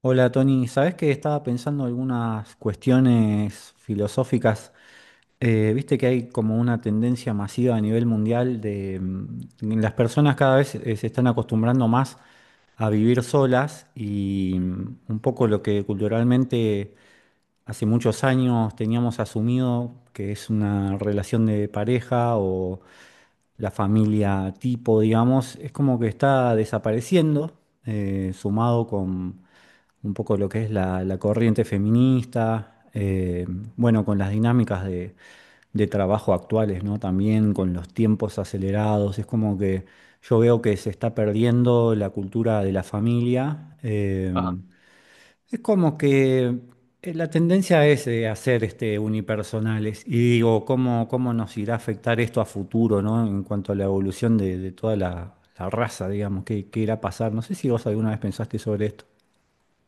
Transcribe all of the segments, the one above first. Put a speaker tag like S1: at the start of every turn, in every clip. S1: Hola Tony, ¿sabés que estaba pensando algunas cuestiones filosóficas? Viste que hay como una tendencia masiva a nivel mundial de las personas cada vez se están acostumbrando más a vivir solas y un poco lo que culturalmente hace muchos años teníamos asumido que es una relación de pareja o la familia tipo, digamos, es como que está desapareciendo, sumado con un poco lo que es la corriente feminista, bueno, con las dinámicas de trabajo actuales, ¿no? También con los tiempos acelerados, es como que yo veo que se está perdiendo la cultura de la familia.
S2: Ajá.
S1: Es como que la tendencia es hacer este, unipersonales. Y digo, ¿cómo nos irá a afectar esto a futuro, no? En cuanto a la evolución de toda la raza, digamos, ¿qué irá a pasar? No sé si vos alguna vez pensaste sobre esto.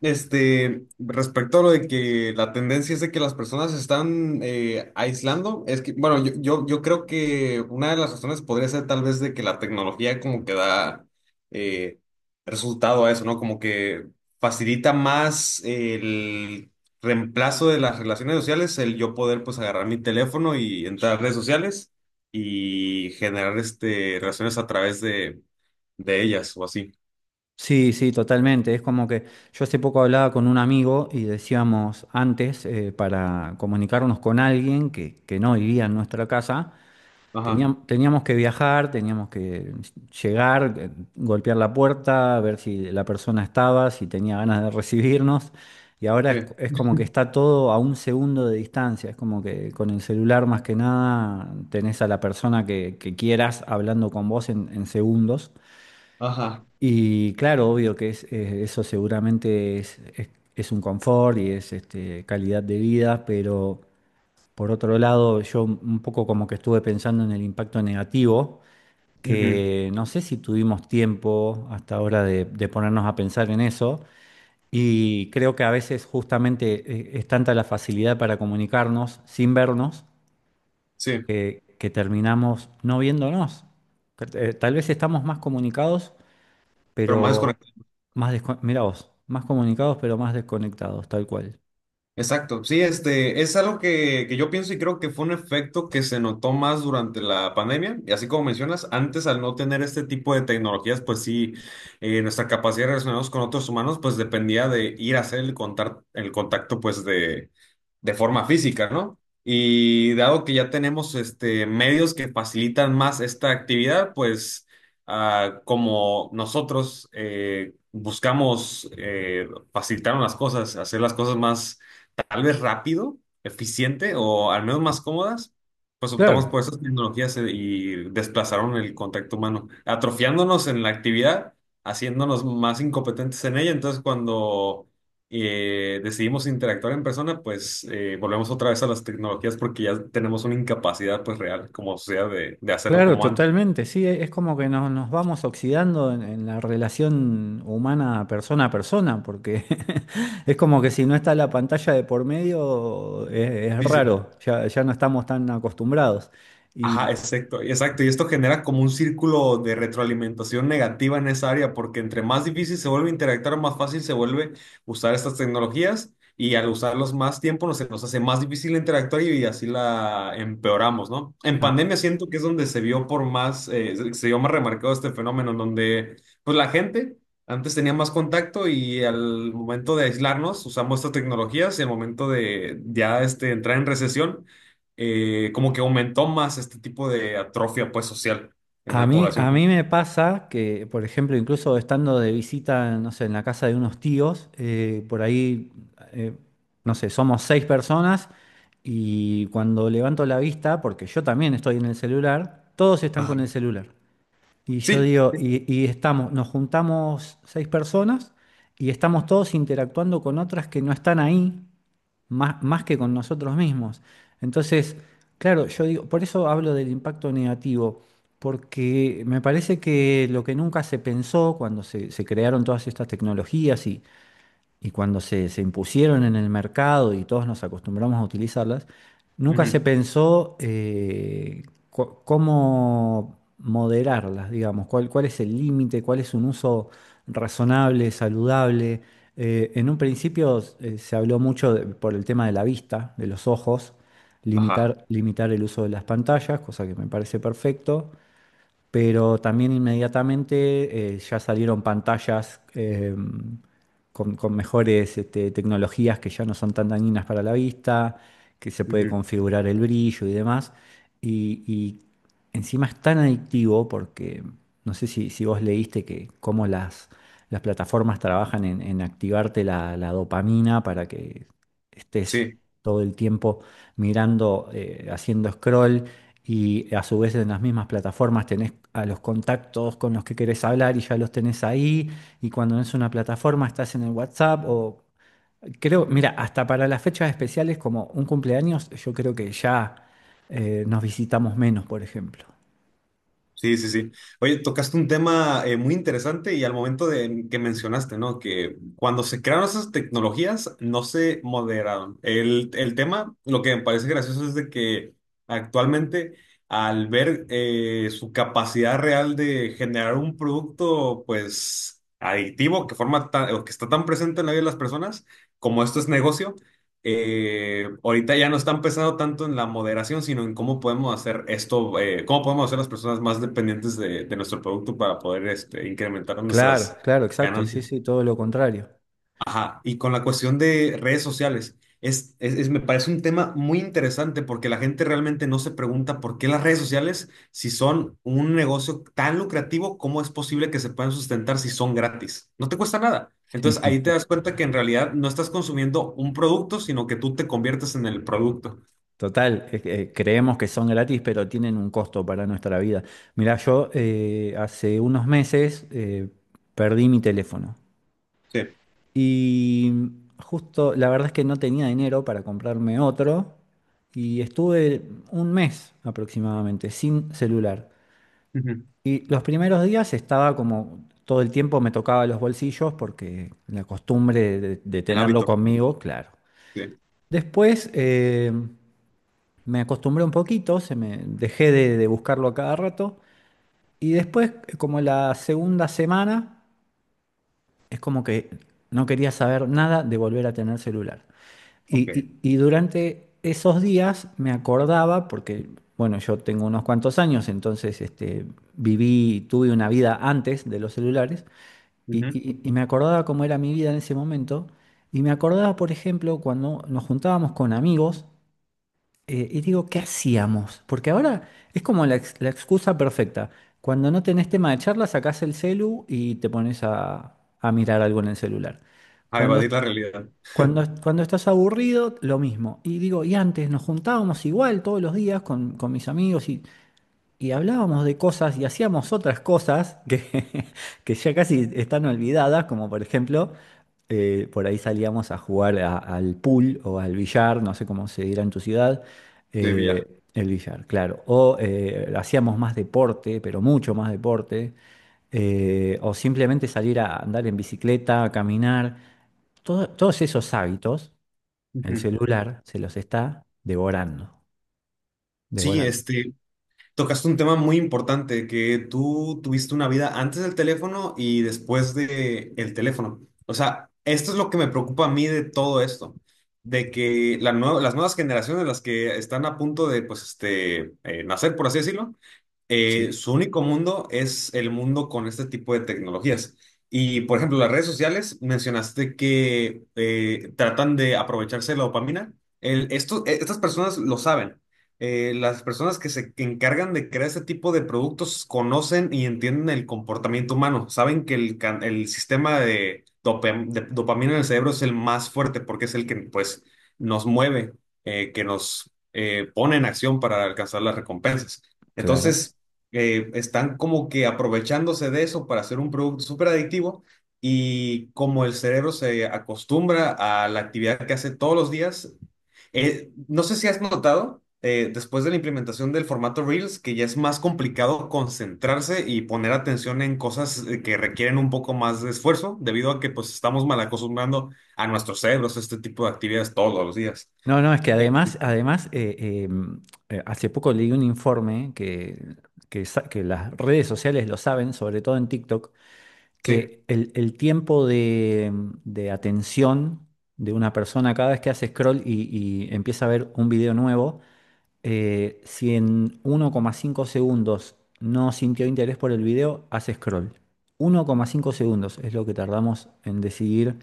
S2: Respecto a lo de que la tendencia es de que las personas se están aislando, es que, bueno, yo creo que una de las razones podría ser tal vez de que la tecnología como que da eh, resultado a eso, ¿no? Como que facilita más el reemplazo de las relaciones sociales, el yo poder pues agarrar mi teléfono y entrar a redes sociales y generar relaciones a través de ellas o así.
S1: Sí, sí, totalmente. Es como que yo hace poco hablaba con un amigo y decíamos antes, para comunicarnos con alguien que no vivía en nuestra casa,
S2: Ajá,
S1: teníamos que viajar, teníamos que llegar, golpear la puerta, ver si la persona estaba, si tenía ganas de recibirnos. Y ahora es,
S2: sí,
S1: es como que está todo a un segundo de distancia. Es como que con el celular más que nada tenés a la persona que quieras hablando con vos en segundos.
S2: ajá.
S1: Y claro, obvio que eso seguramente es un confort y es este, calidad de vida, pero por otro lado, yo un poco como que estuve pensando en el impacto negativo,
S2: Ujú.
S1: que no sé si tuvimos tiempo hasta ahora de ponernos a pensar en eso, y creo que a veces justamente es tanta la facilidad para comunicarnos sin vernos
S2: Sí,
S1: que terminamos no viéndonos. Que, tal vez estamos más comunicados,
S2: pero más
S1: pero
S2: desconectado.
S1: mirá vos, más comunicados, pero más desconectados, tal cual.
S2: Exacto, sí, es algo que yo pienso y creo que fue un efecto que se notó más durante la pandemia. Y así como mencionas, antes al no tener este tipo de tecnologías, pues sí, nuestra capacidad de relacionarnos con otros humanos, pues dependía de ir a hacer el el contacto, pues de forma física, ¿no? Y dado que ya tenemos medios que facilitan más esta actividad, pues ah, como nosotros buscamos facilitar las cosas, hacer las cosas más tal vez rápido, eficiente o al menos más cómodas, pues optamos
S1: Claro,
S2: por esas tecnologías y desplazaron el contacto humano, atrofiándonos en la actividad, haciéndonos más incompetentes en ella. Entonces, cuando decidimos interactuar en persona, pues volvemos otra vez a las tecnologías porque ya tenemos una incapacidad pues real como sociedad de hacerlo
S1: claro,
S2: como antes.
S1: totalmente. Sí, es como que nos vamos oxidando en la relación humana persona a persona, porque es como que si no está la pantalla de por medio, es raro, ya, ya no estamos tan acostumbrados.
S2: Ajá,
S1: Y
S2: exacto, exacto. Y esto genera como un círculo de retroalimentación negativa en esa área, porque entre más difícil se vuelve interactuar, más fácil se vuelve usar estas tecnologías y al usarlos más tiempo se nos hace más difícil interactuar y así la empeoramos, ¿no? En
S1: a-
S2: pandemia siento que es donde se vio por más, se vio más remarcado este fenómeno, en donde pues la gente antes tenía más contacto y al momento de aislarnos usamos estas tecnologías y al momento de ya entrar en recesión como que aumentó más este tipo de atrofia pues social en
S1: A
S2: la
S1: mí, a
S2: población.
S1: mí me pasa que, por ejemplo, incluso estando de visita, no sé, en la casa de unos tíos, por ahí, eh, no sé, somos seis personas, y cuando levanto la vista, porque yo también estoy en el celular, todos están con el
S2: Ajá.
S1: celular. Y yo
S2: Sí.
S1: digo, y estamos, nos juntamos seis personas y estamos todos interactuando con otras que no están ahí más que con nosotros mismos. Entonces, claro, yo digo, por eso hablo del impacto negativo, porque me parece que lo que nunca se pensó cuando se crearon todas estas tecnologías y cuando se impusieron en el mercado y todos nos acostumbramos a utilizarlas, nunca se
S2: Ujú.
S1: pensó cómo moderarlas, digamos, cuál es el límite, cuál es un uso razonable, saludable. En un principio se habló mucho por el tema de la vista, de los ojos,
S2: Ajá.
S1: limitar el uso de las pantallas, cosa que me parece perfecto, pero también inmediatamente ya salieron pantallas con mejores este, tecnologías que ya no son tan dañinas para la vista, que se puede
S2: Ujú.
S1: configurar el brillo y demás. Y encima es tan adictivo, porque no sé si vos leíste que cómo las plataformas trabajan en activarte la dopamina para que estés
S2: Sí.
S1: todo el tiempo mirando, haciendo scroll, y a su vez en las mismas plataformas tenés a los contactos con los que, querés hablar y ya los tenés ahí. Y cuando no es una plataforma estás en el WhatsApp. O creo, mira, hasta para las fechas especiales como un cumpleaños, yo creo que ya nos visitamos menos, por ejemplo.
S2: Sí, sí, sí. Oye, tocaste un tema muy interesante y al momento de que mencionaste, ¿no? Que cuando se crearon esas tecnologías no se moderaron. El tema, lo que me parece gracioso es de que actualmente al ver su capacidad real de generar un producto, pues, adictivo, que o que está tan presente en la vida de las personas, como esto es negocio ahorita ya no están pensando tanto en la moderación, sino en cómo podemos hacer esto, cómo podemos hacer las personas más dependientes de nuestro producto para poder incrementar nuestras
S1: Claro, claro, exacto. Sí,
S2: ganancias.
S1: sí, todo lo contrario.
S2: Ajá, y con la cuestión de redes sociales, me parece un tema muy interesante porque la gente realmente no se pregunta por qué las redes sociales, si son un negocio tan lucrativo, ¿cómo es posible que se puedan sustentar si son gratis? No te cuesta nada. Entonces ahí te das cuenta que en realidad no estás consumiendo un producto, sino que tú te conviertes en el producto.
S1: Total, creemos que son gratis, pero tienen un costo para nuestra vida. Mira, yo hace unos meses perdí mi teléfono.
S2: Sí.
S1: Y justo, la verdad es que no tenía dinero para comprarme otro y estuve un mes aproximadamente sin celular.
S2: Ujú.
S1: Y los primeros días estaba como todo el tiempo me tocaba los bolsillos porque la costumbre de
S2: El
S1: tenerlo
S2: hábito.
S1: conmigo, claro.
S2: Sí.
S1: Después me acostumbré un poquito, se me dejé de buscarlo a cada rato, y después, como la segunda semana, es como que no quería saber nada de volver a tener celular.
S2: Ok.
S1: Y durante esos días me acordaba, porque, bueno, yo tengo unos cuantos años, entonces este, viví, tuve una vida antes de los celulares, y,
S2: Ujú.
S1: y- y me acordaba cómo era mi vida en ese momento, y me acordaba, por ejemplo, cuando nos juntábamos con amigos y digo, ¿qué hacíamos? Porque ahora es como la excusa perfecta. Cuando no tenés tema de charla, sacás el celu y te pones a mirar algo en el celular.
S2: A
S1: Cuando,
S2: evadir la realidad
S1: cuando estás aburrido, lo mismo. Y digo, y antes nos juntábamos igual todos los días con mis amigos y hablábamos de cosas y hacíamos otras cosas que, que ya casi están olvidadas, como por ejemplo por ahí salíamos a jugar al pool o al billar, no sé cómo se dirá en tu ciudad,
S2: de billar.
S1: el billar, claro. O hacíamos más deporte, pero mucho más deporte, o simplemente salir a andar en bicicleta, a caminar. Todos esos hábitos, el
S2: Ujú.
S1: celular se los está devorando,
S2: Sí,
S1: devorando.
S2: tocaste un tema muy importante, que tú tuviste una vida antes del teléfono y después de el teléfono. O sea, esto es lo que me preocupa a mí de todo esto, de que las nuevas generaciones, las que están a punto de, pues, nacer, por así decirlo,
S1: Sí,
S2: su único mundo es el mundo con este tipo de tecnologías. Y, por ejemplo, las redes sociales, mencionaste que tratan de aprovecharse de la dopamina. Estas personas lo saben. Las personas que se encargan de crear este tipo de productos conocen y entienden el comportamiento humano. Saben que el sistema de dopamina en el cerebro es el más fuerte porque es el que, pues, nos mueve, que nos pone en acción para alcanzar las recompensas.
S1: claro.
S2: Entonces, están como que aprovechándose de eso para hacer un producto súper adictivo y como el cerebro se acostumbra a la actividad que hace todos los días, no sé si has notado, después de la implementación del formato Reels, que ya es más complicado concentrarse y poner atención en cosas que requieren un poco más de esfuerzo, debido a que pues estamos mal acostumbrando a nuestros cerebros a este tipo de actividades todos los días.
S1: No, no, es que
S2: Eh,
S1: además, además hace poco leí un informe que las redes sociales lo saben, sobre todo en TikTok,
S2: sí,
S1: que el tiempo de atención de una persona cada vez que hace scroll y empieza a ver un video nuevo, si en 1,5 segundos no sintió interés por el video, hace scroll. 1,5 segundos es lo que tardamos en decidir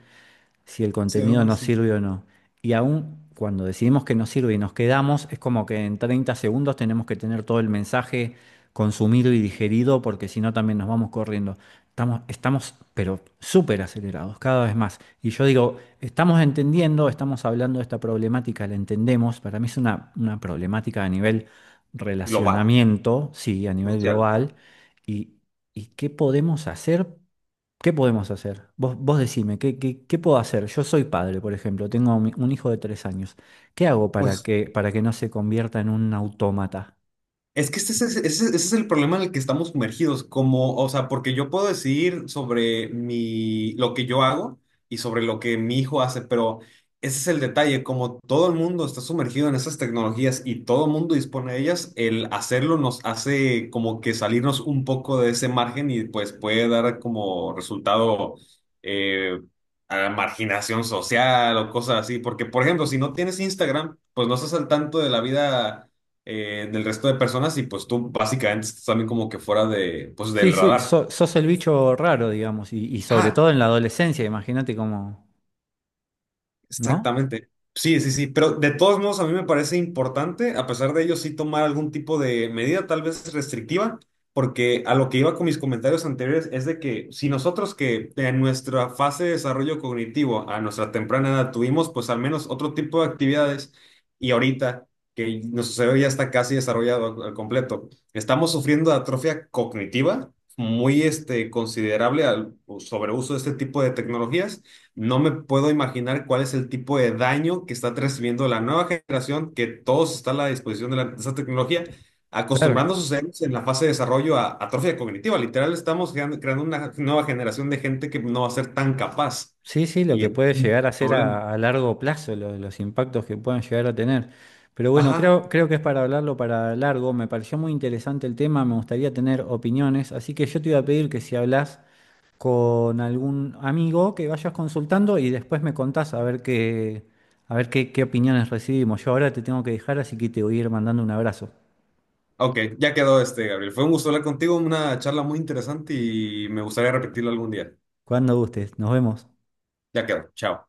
S1: si el
S2: sí, hay
S1: contenido
S2: un
S1: nos
S2: asunto
S1: sirve o no. Y aún cuando decidimos que nos sirve y nos quedamos, es como que en 30 segundos tenemos que tener todo el mensaje consumido y digerido, porque si no también nos vamos corriendo. Estamos, pero súper acelerados, cada vez más. Y yo digo, estamos entendiendo, estamos hablando de esta problemática, la entendemos. Para mí es una problemática a nivel
S2: global,
S1: relacionamiento, sí, a nivel
S2: social, todo.
S1: global. Y, ¿Y qué podemos hacer? ¿Qué podemos hacer? Vos decime, ¿qué puedo hacer? Yo soy padre, por ejemplo, tengo un hijo de 3 años. ¿Qué hago
S2: Pues
S1: para que, no se convierta en un autómata?
S2: es que ese es el problema en el que estamos sumergidos, como, o sea, porque yo puedo decidir sobre mi, lo que yo hago y sobre lo que mi hijo hace, pero ese es el detalle, como todo el mundo está sumergido en esas tecnologías y todo el mundo dispone de ellas, el hacerlo nos hace como que salirnos un poco de ese margen y pues puede dar como resultado eh, a la marginación social o cosas así, porque por ejemplo, si no tienes Instagram, pues no estás al tanto de la vida del resto de personas y pues tú básicamente estás también como que fuera de, pues
S1: Sí,
S2: del
S1: sí,
S2: radar.
S1: sos el bicho raro, digamos, y sobre
S2: Ah,
S1: todo en la adolescencia, imagínate cómo, ¿no?
S2: exactamente. Sí, sí, sí, pero de todos modos a mí me parece importante, a pesar de ello, sí tomar algún tipo de medida, tal vez restrictiva, porque a lo que iba con mis comentarios anteriores es de que si nosotros que en nuestra fase de desarrollo cognitivo a nuestra temprana edad tuvimos pues al menos otro tipo de actividades y ahorita que nuestro cerebro ya está casi desarrollado al completo, estamos sufriendo de atrofia cognitiva muy considerable al sobreuso de este tipo de tecnologías. No me puedo imaginar cuál es el tipo de daño que está recibiendo la nueva generación, que todos está a la disposición de, de esa tecnología, acostumbrando
S1: Claro.
S2: a sus cerebros en la fase de desarrollo a atrofia cognitiva. Literal, estamos creando una nueva generación de gente que no va a ser tan capaz.
S1: Sí, sí, lo
S2: Y
S1: que
S2: es
S1: puede
S2: un
S1: llegar a ser
S2: problema.
S1: a largo plazo, los impactos que puedan llegar a tener. Pero bueno,
S2: Ajá.
S1: creo que es para hablarlo para largo. Me pareció muy interesante el tema, me gustaría tener opiniones, así que yo te iba a pedir que si hablas con algún amigo que vayas consultando y después me contás a ver qué, a ver qué opiniones recibimos. Yo ahora te tengo que dejar, así que te voy a ir mandando un abrazo.
S2: Ok, ya quedó Gabriel. Fue un gusto hablar contigo, una charla muy interesante y me gustaría repetirlo algún día.
S1: Cuando gustes, nos vemos.
S2: Ya quedó. Chao.